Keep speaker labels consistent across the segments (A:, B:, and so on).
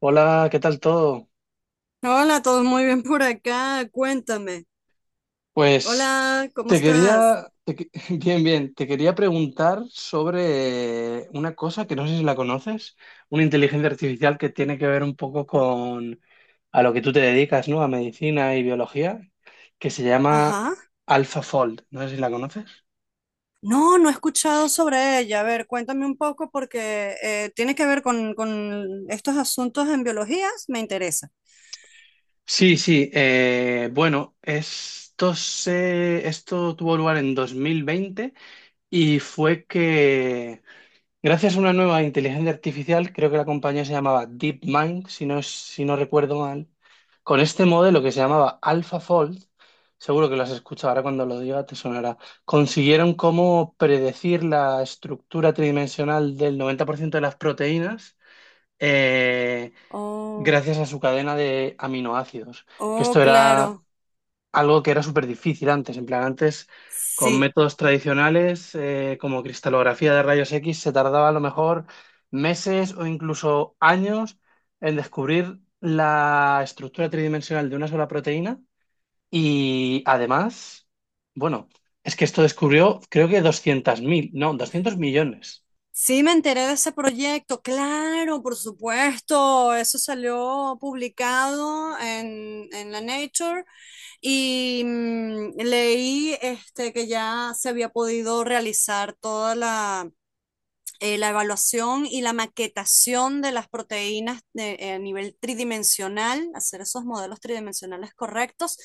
A: Hola, ¿qué tal todo?
B: Hola, todo muy bien por acá. Cuéntame.
A: Pues
B: Hola, ¿cómo
A: te
B: estás?
A: quería, te que- bien, bien, te quería preguntar sobre una cosa que no sé si la conoces, una inteligencia artificial que tiene que ver un poco con a lo que tú te dedicas, ¿no? A medicina y biología, que se llama
B: Ajá.
A: AlphaFold. No sé si la conoces.
B: No, no he escuchado sobre ella. A ver, cuéntame un poco porque tiene que ver con estos asuntos en biologías. Me interesa.
A: Sí, sí, bueno, esto tuvo lugar en 2020 y fue que gracias a una nueva inteligencia artificial, creo que la compañía se llamaba DeepMind, si no, si no recuerdo mal, con este modelo que se llamaba AlphaFold, seguro que lo has escuchado, ahora cuando lo diga te sonará, consiguieron cómo predecir la estructura tridimensional del 90% de las proteínas, eh,
B: Oh,
A: gracias a su cadena de aminoácidos, que
B: oh,
A: esto era
B: claro.
A: algo que era súper difícil antes. En plan, antes con
B: Sí.
A: métodos tradicionales, como cristalografía de rayos X, se tardaba a lo mejor meses o incluso años en descubrir la estructura tridimensional de una sola proteína y además, bueno, es que esto descubrió creo que 200.000 no, 200 millones,
B: Sí, me enteré de ese proyecto, claro, por supuesto, eso salió publicado en la Nature y leí este, que ya se había podido realizar toda la evaluación y la maquetación de las proteínas a nivel tridimensional, hacer esos modelos tridimensionales correctos.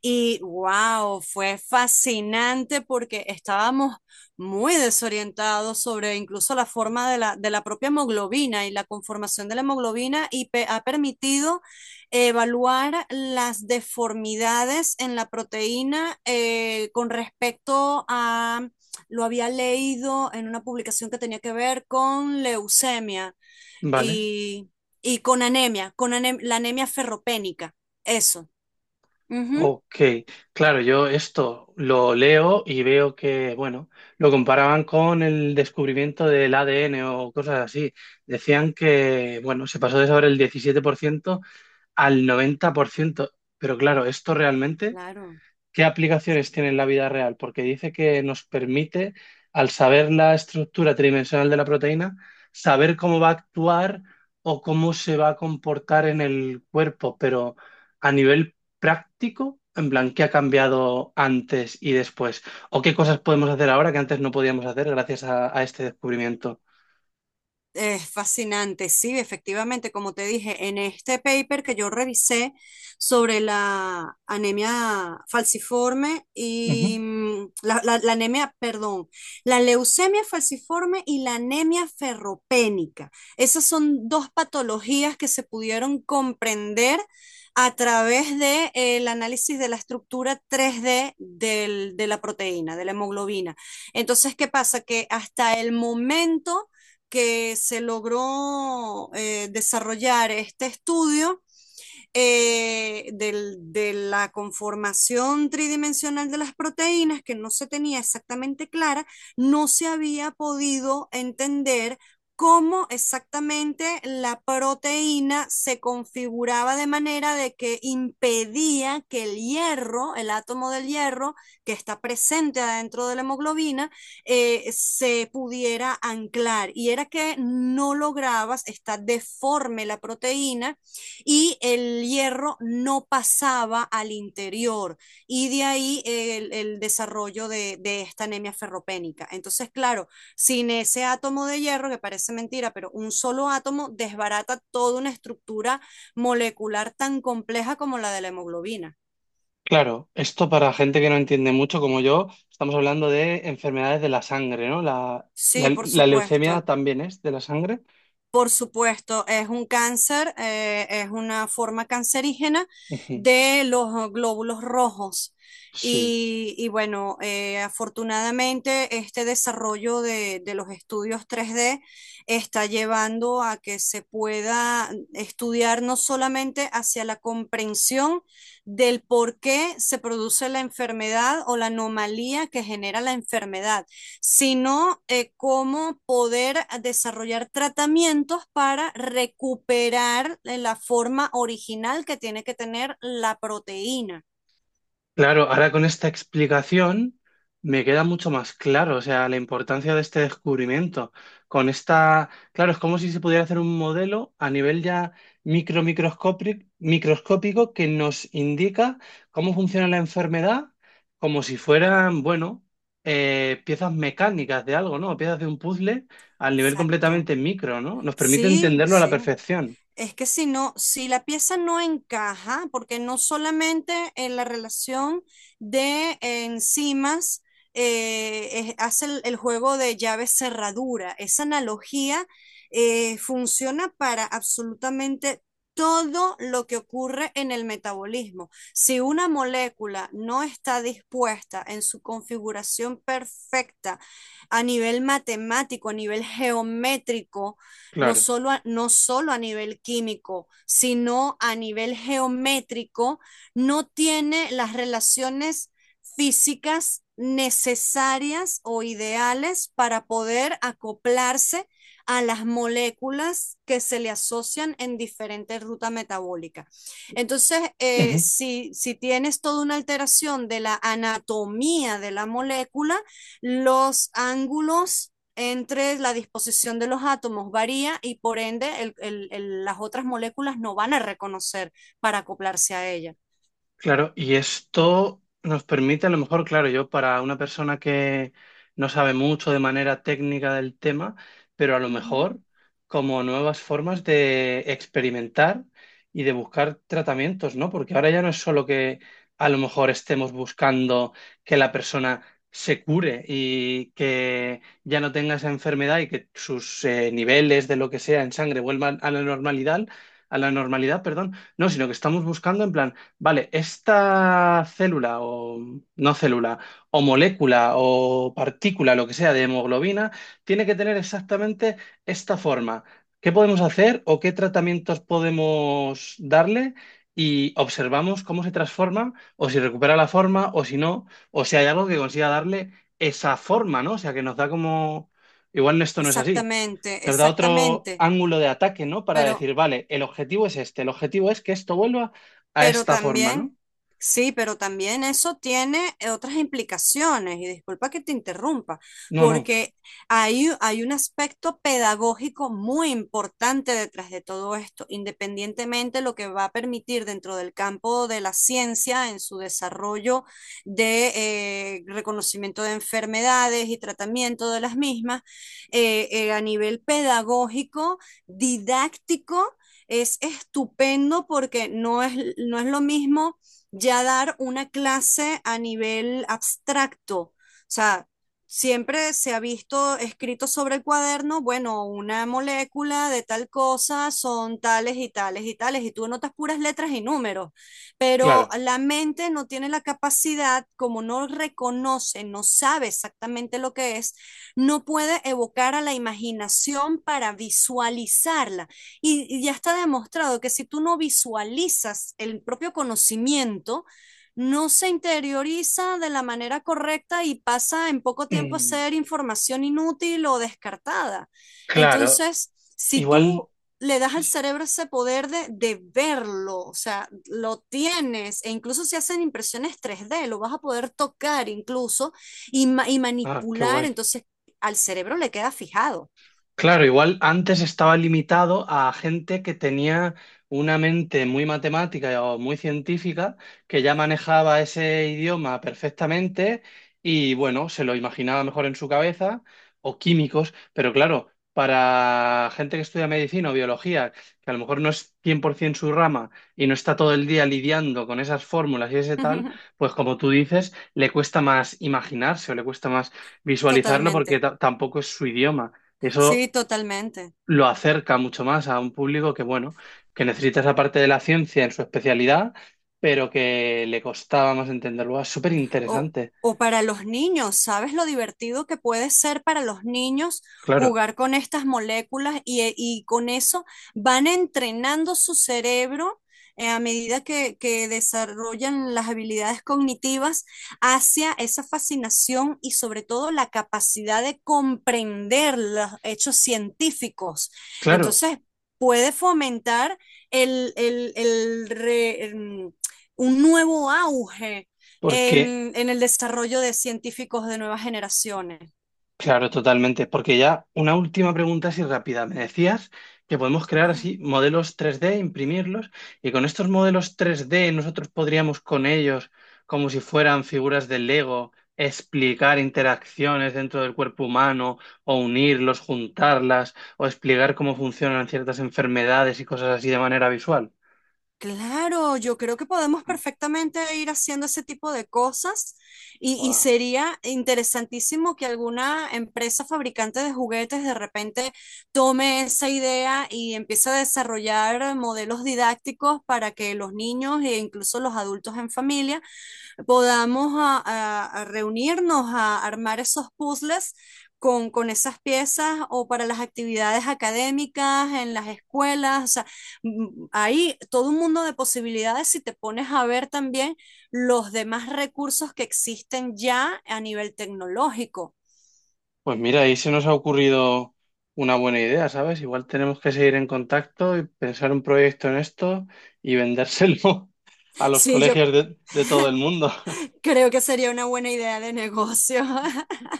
B: Y wow, fue fascinante porque estábamos muy desorientados sobre incluso la forma de la propia hemoglobina y la conformación de la hemoglobina y ha permitido evaluar las deformidades en la proteína con respecto a lo había leído en una publicación que tenía que ver con leucemia
A: ¿vale?
B: y, y con anemia, la anemia ferropénica, eso. Ujú.
A: Ok, claro, yo esto lo leo y veo que, bueno, lo comparaban con el descubrimiento del ADN o cosas así. Decían que, bueno, se pasó de saber el 17% al 90%, pero claro, esto realmente
B: Claro.
A: ¿qué aplicaciones tiene en la vida real? Porque dice que nos permite, al saber la estructura tridimensional de la proteína, saber cómo va a actuar o cómo se va a comportar en el cuerpo, pero a nivel práctico, en plan, ¿qué ha cambiado antes y después? ¿O qué cosas podemos hacer ahora que antes no podíamos hacer gracias a este descubrimiento?
B: Es fascinante, sí, efectivamente, como te dije, en este paper que yo revisé sobre la anemia falciforme
A: Ujú.
B: y la anemia, perdón, la leucemia falciforme y la anemia ferropénica. Esas son dos patologías que se pudieron comprender a través de el análisis de la estructura tres d de la proteína, de la hemoglobina. Entonces, ¿qué pasa? Que hasta el momento que se logró desarrollar este estudio de la conformación tridimensional de las proteínas, que no se tenía exactamente clara, no se había podido entender cómo exactamente la proteína se configuraba de manera de que impedía que el hierro, el átomo del hierro que está presente adentro de la hemoglobina, se pudiera anclar. Y era que no lograbas, está deforme la proteína y el hierro no pasaba al interior y de ahí el desarrollo de esta anemia ferropénica. Entonces, claro, sin ese átomo de hierro, que parece mentira, pero un solo átomo desbarata toda una estructura molecular tan compleja como la de la hemoglobina.
A: Claro, esto para gente que no entiende mucho como yo, estamos hablando de enfermedades de la sangre, ¿no? La, la,
B: Sí, por
A: la leucemia
B: supuesto.
A: también es de la sangre.
B: Por supuesto, es un cáncer, es una forma cancerígena
A: Ujú.
B: de los glóbulos rojos.
A: Sí,
B: Y bueno, afortunadamente este desarrollo de los estudios 3D está llevando a que se pueda estudiar no solamente hacia la comprensión del por qué se produce la enfermedad o la anomalía que genera la enfermedad, sino cómo poder desarrollar tratamientos para recuperar la forma original que tiene que tener la proteína.
A: claro, ahora con esta explicación me queda mucho más claro, o sea, la importancia de este descubrimiento. Con esta, claro, es como si se pudiera hacer un modelo a nivel ya microscópico que nos indica cómo funciona la enfermedad, como si fueran, bueno, piezas mecánicas de algo, ¿no? Piezas de un puzzle al nivel
B: Exacto.
A: completamente micro, ¿no? Nos permite
B: Sí,
A: entenderlo a la
B: sí.
A: perfección.
B: Es que si no, si la pieza no encaja, porque no solamente en la relación de enzimas hace el juego de llave cerradura, esa analogía funciona para absolutamente todo lo que ocurre en el metabolismo. Si una molécula no está dispuesta en su configuración perfecta a nivel matemático, a nivel geométrico, no
A: Claro.
B: solo a, no solo a nivel químico, sino a nivel geométrico, no tiene las relaciones físicas necesarias o ideales para poder acoplarse a las moléculas que se le asocian en diferentes rutas metabólicas. Entonces,
A: Ujú.
B: si, si, tienes toda una alteración de la anatomía de la molécula, los ángulos entre la disposición de los átomos varía y por ende las otras moléculas no van a reconocer para acoplarse a ella.
A: Claro, y esto nos permite a lo mejor, claro, yo para una persona que no sabe mucho de manera técnica del tema, pero a lo
B: Ujú.
A: mejor como nuevas formas de experimentar y de buscar tratamientos, ¿no? Porque ahora ya no es solo que a lo mejor estemos buscando que la persona se cure y que ya no tenga esa enfermedad y que sus niveles de lo que sea en sangre vuelvan a la normalidad, perdón. No, sino que estamos buscando en plan vale, esta célula o no célula o molécula o partícula, lo que sea, de hemoglobina, tiene que tener exactamente esta forma. ¿Qué podemos hacer o qué tratamientos podemos darle? Y observamos cómo se transforma o si recupera la forma o si no, o si hay algo que consiga darle esa forma, ¿no? O sea, que nos da como... Igual esto no es así.
B: Exactamente,
A: Nos da otro
B: exactamente.
A: ángulo de ataque, ¿no? Para
B: Pero
A: decir, vale, el objetivo es este, el objetivo es que esto vuelva a
B: Pero
A: esta forma,
B: también,
A: ¿no?
B: sí, pero también eso tiene otras implicaciones, y disculpa que te interrumpa,
A: No, no,
B: porque hay un aspecto pedagógico muy importante detrás de todo esto, independientemente lo que va a permitir dentro del campo de la ciencia en su desarrollo de reconocimiento de enfermedades y tratamiento de las mismas, a nivel pedagógico, didáctico es estupendo porque no es, no es lo mismo ya dar una clase a nivel abstracto. O sea, siempre se ha visto escrito sobre el cuaderno, bueno, una molécula de tal cosa son tales y tales y tales, y tú anotas puras letras y números, pero
A: claro.
B: la mente no tiene la capacidad, como no reconoce, no sabe exactamente lo que es, no puede evocar a la imaginación para visualizarla. Y ya está demostrado que si tú no visualizas el propio conocimiento, no se interioriza de la manera correcta y pasa en poco tiempo a
A: Mm,
B: ser información inútil o descartada.
A: claro,
B: Entonces, si
A: igual.
B: tú le das al cerebro ese poder de verlo, o sea, lo tienes, e incluso si hacen impresiones tres d lo vas a poder tocar incluso y
A: Ah, qué
B: manipular,
A: guay.
B: entonces al cerebro le queda fijado.
A: Claro, igual antes estaba limitado a gente que tenía una mente muy matemática o muy científica, que ya manejaba ese idioma perfectamente y bueno, se lo imaginaba mejor en su cabeza, o químicos, pero claro, para gente que estudia medicina o biología, que a lo mejor no es 100% su rama y no está todo el día lidiando con esas fórmulas y ese tal, pues como tú dices, le cuesta más imaginarse o le cuesta más visualizarlo
B: Totalmente.
A: porque tampoco es su idioma. Eso
B: Sí, totalmente.
A: lo acerca mucho más a un público que, bueno, que necesita esa parte de la ciencia en su especialidad, pero que le costaba más entenderlo. Es súper
B: O,
A: interesante,
B: o para los niños, ¿sabes lo divertido que puede ser para los niños
A: claro,
B: jugar con estas moléculas y con eso van entrenando su cerebro a medida que desarrollan las habilidades cognitivas hacia esa fascinación y sobre todo la capacidad de comprender los hechos científicos?
A: claro,
B: Entonces, puede fomentar el, el, el re- el- un nuevo auge
A: porque
B: en el desarrollo de científicos de nuevas generaciones.
A: claro, totalmente. Porque ya una última pregunta así rápida. Me decías que podemos crear
B: Ah,
A: así modelos tres d, imprimirlos, y con estos modelos tres d nosotros podríamos con ellos, como si fueran figuras de Lego, explicar interacciones dentro del cuerpo humano, o unirlos, juntarlas, o explicar cómo funcionan ciertas enfermedades y cosas así de manera visual.
B: claro, yo creo que podemos perfectamente ir haciendo ese tipo de cosas y
A: Guau.
B: sería interesantísimo que alguna empresa fabricante de juguetes de repente tome esa idea y empiece a desarrollar modelos didácticos para que los niños e incluso los adultos en familia podamos a reunirnos a armar esos puzzles con esas piezas o para las actividades académicas en las escuelas. O sea, hay todo un mundo de posibilidades si te pones a ver también los demás recursos que existen ya a nivel tecnológico.
A: Pues mira, ahí se nos ha ocurrido una buena idea, ¿sabes? Igual tenemos que seguir en contacto y pensar un proyecto en esto y vendérselo a los
B: Sí, yo
A: colegios de todo el mundo.
B: creo que sería una buena idea de negocio.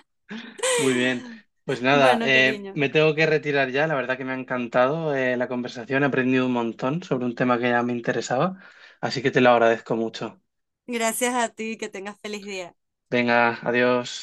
A: Muy bien, pues nada,
B: Bueno, cariño,
A: me tengo que retirar ya. La verdad que me ha encantado, la conversación, he aprendido un montón sobre un tema que ya me interesaba, así que te lo agradezco mucho.
B: gracias a ti, que tengas feliz día.
A: Venga, adiós.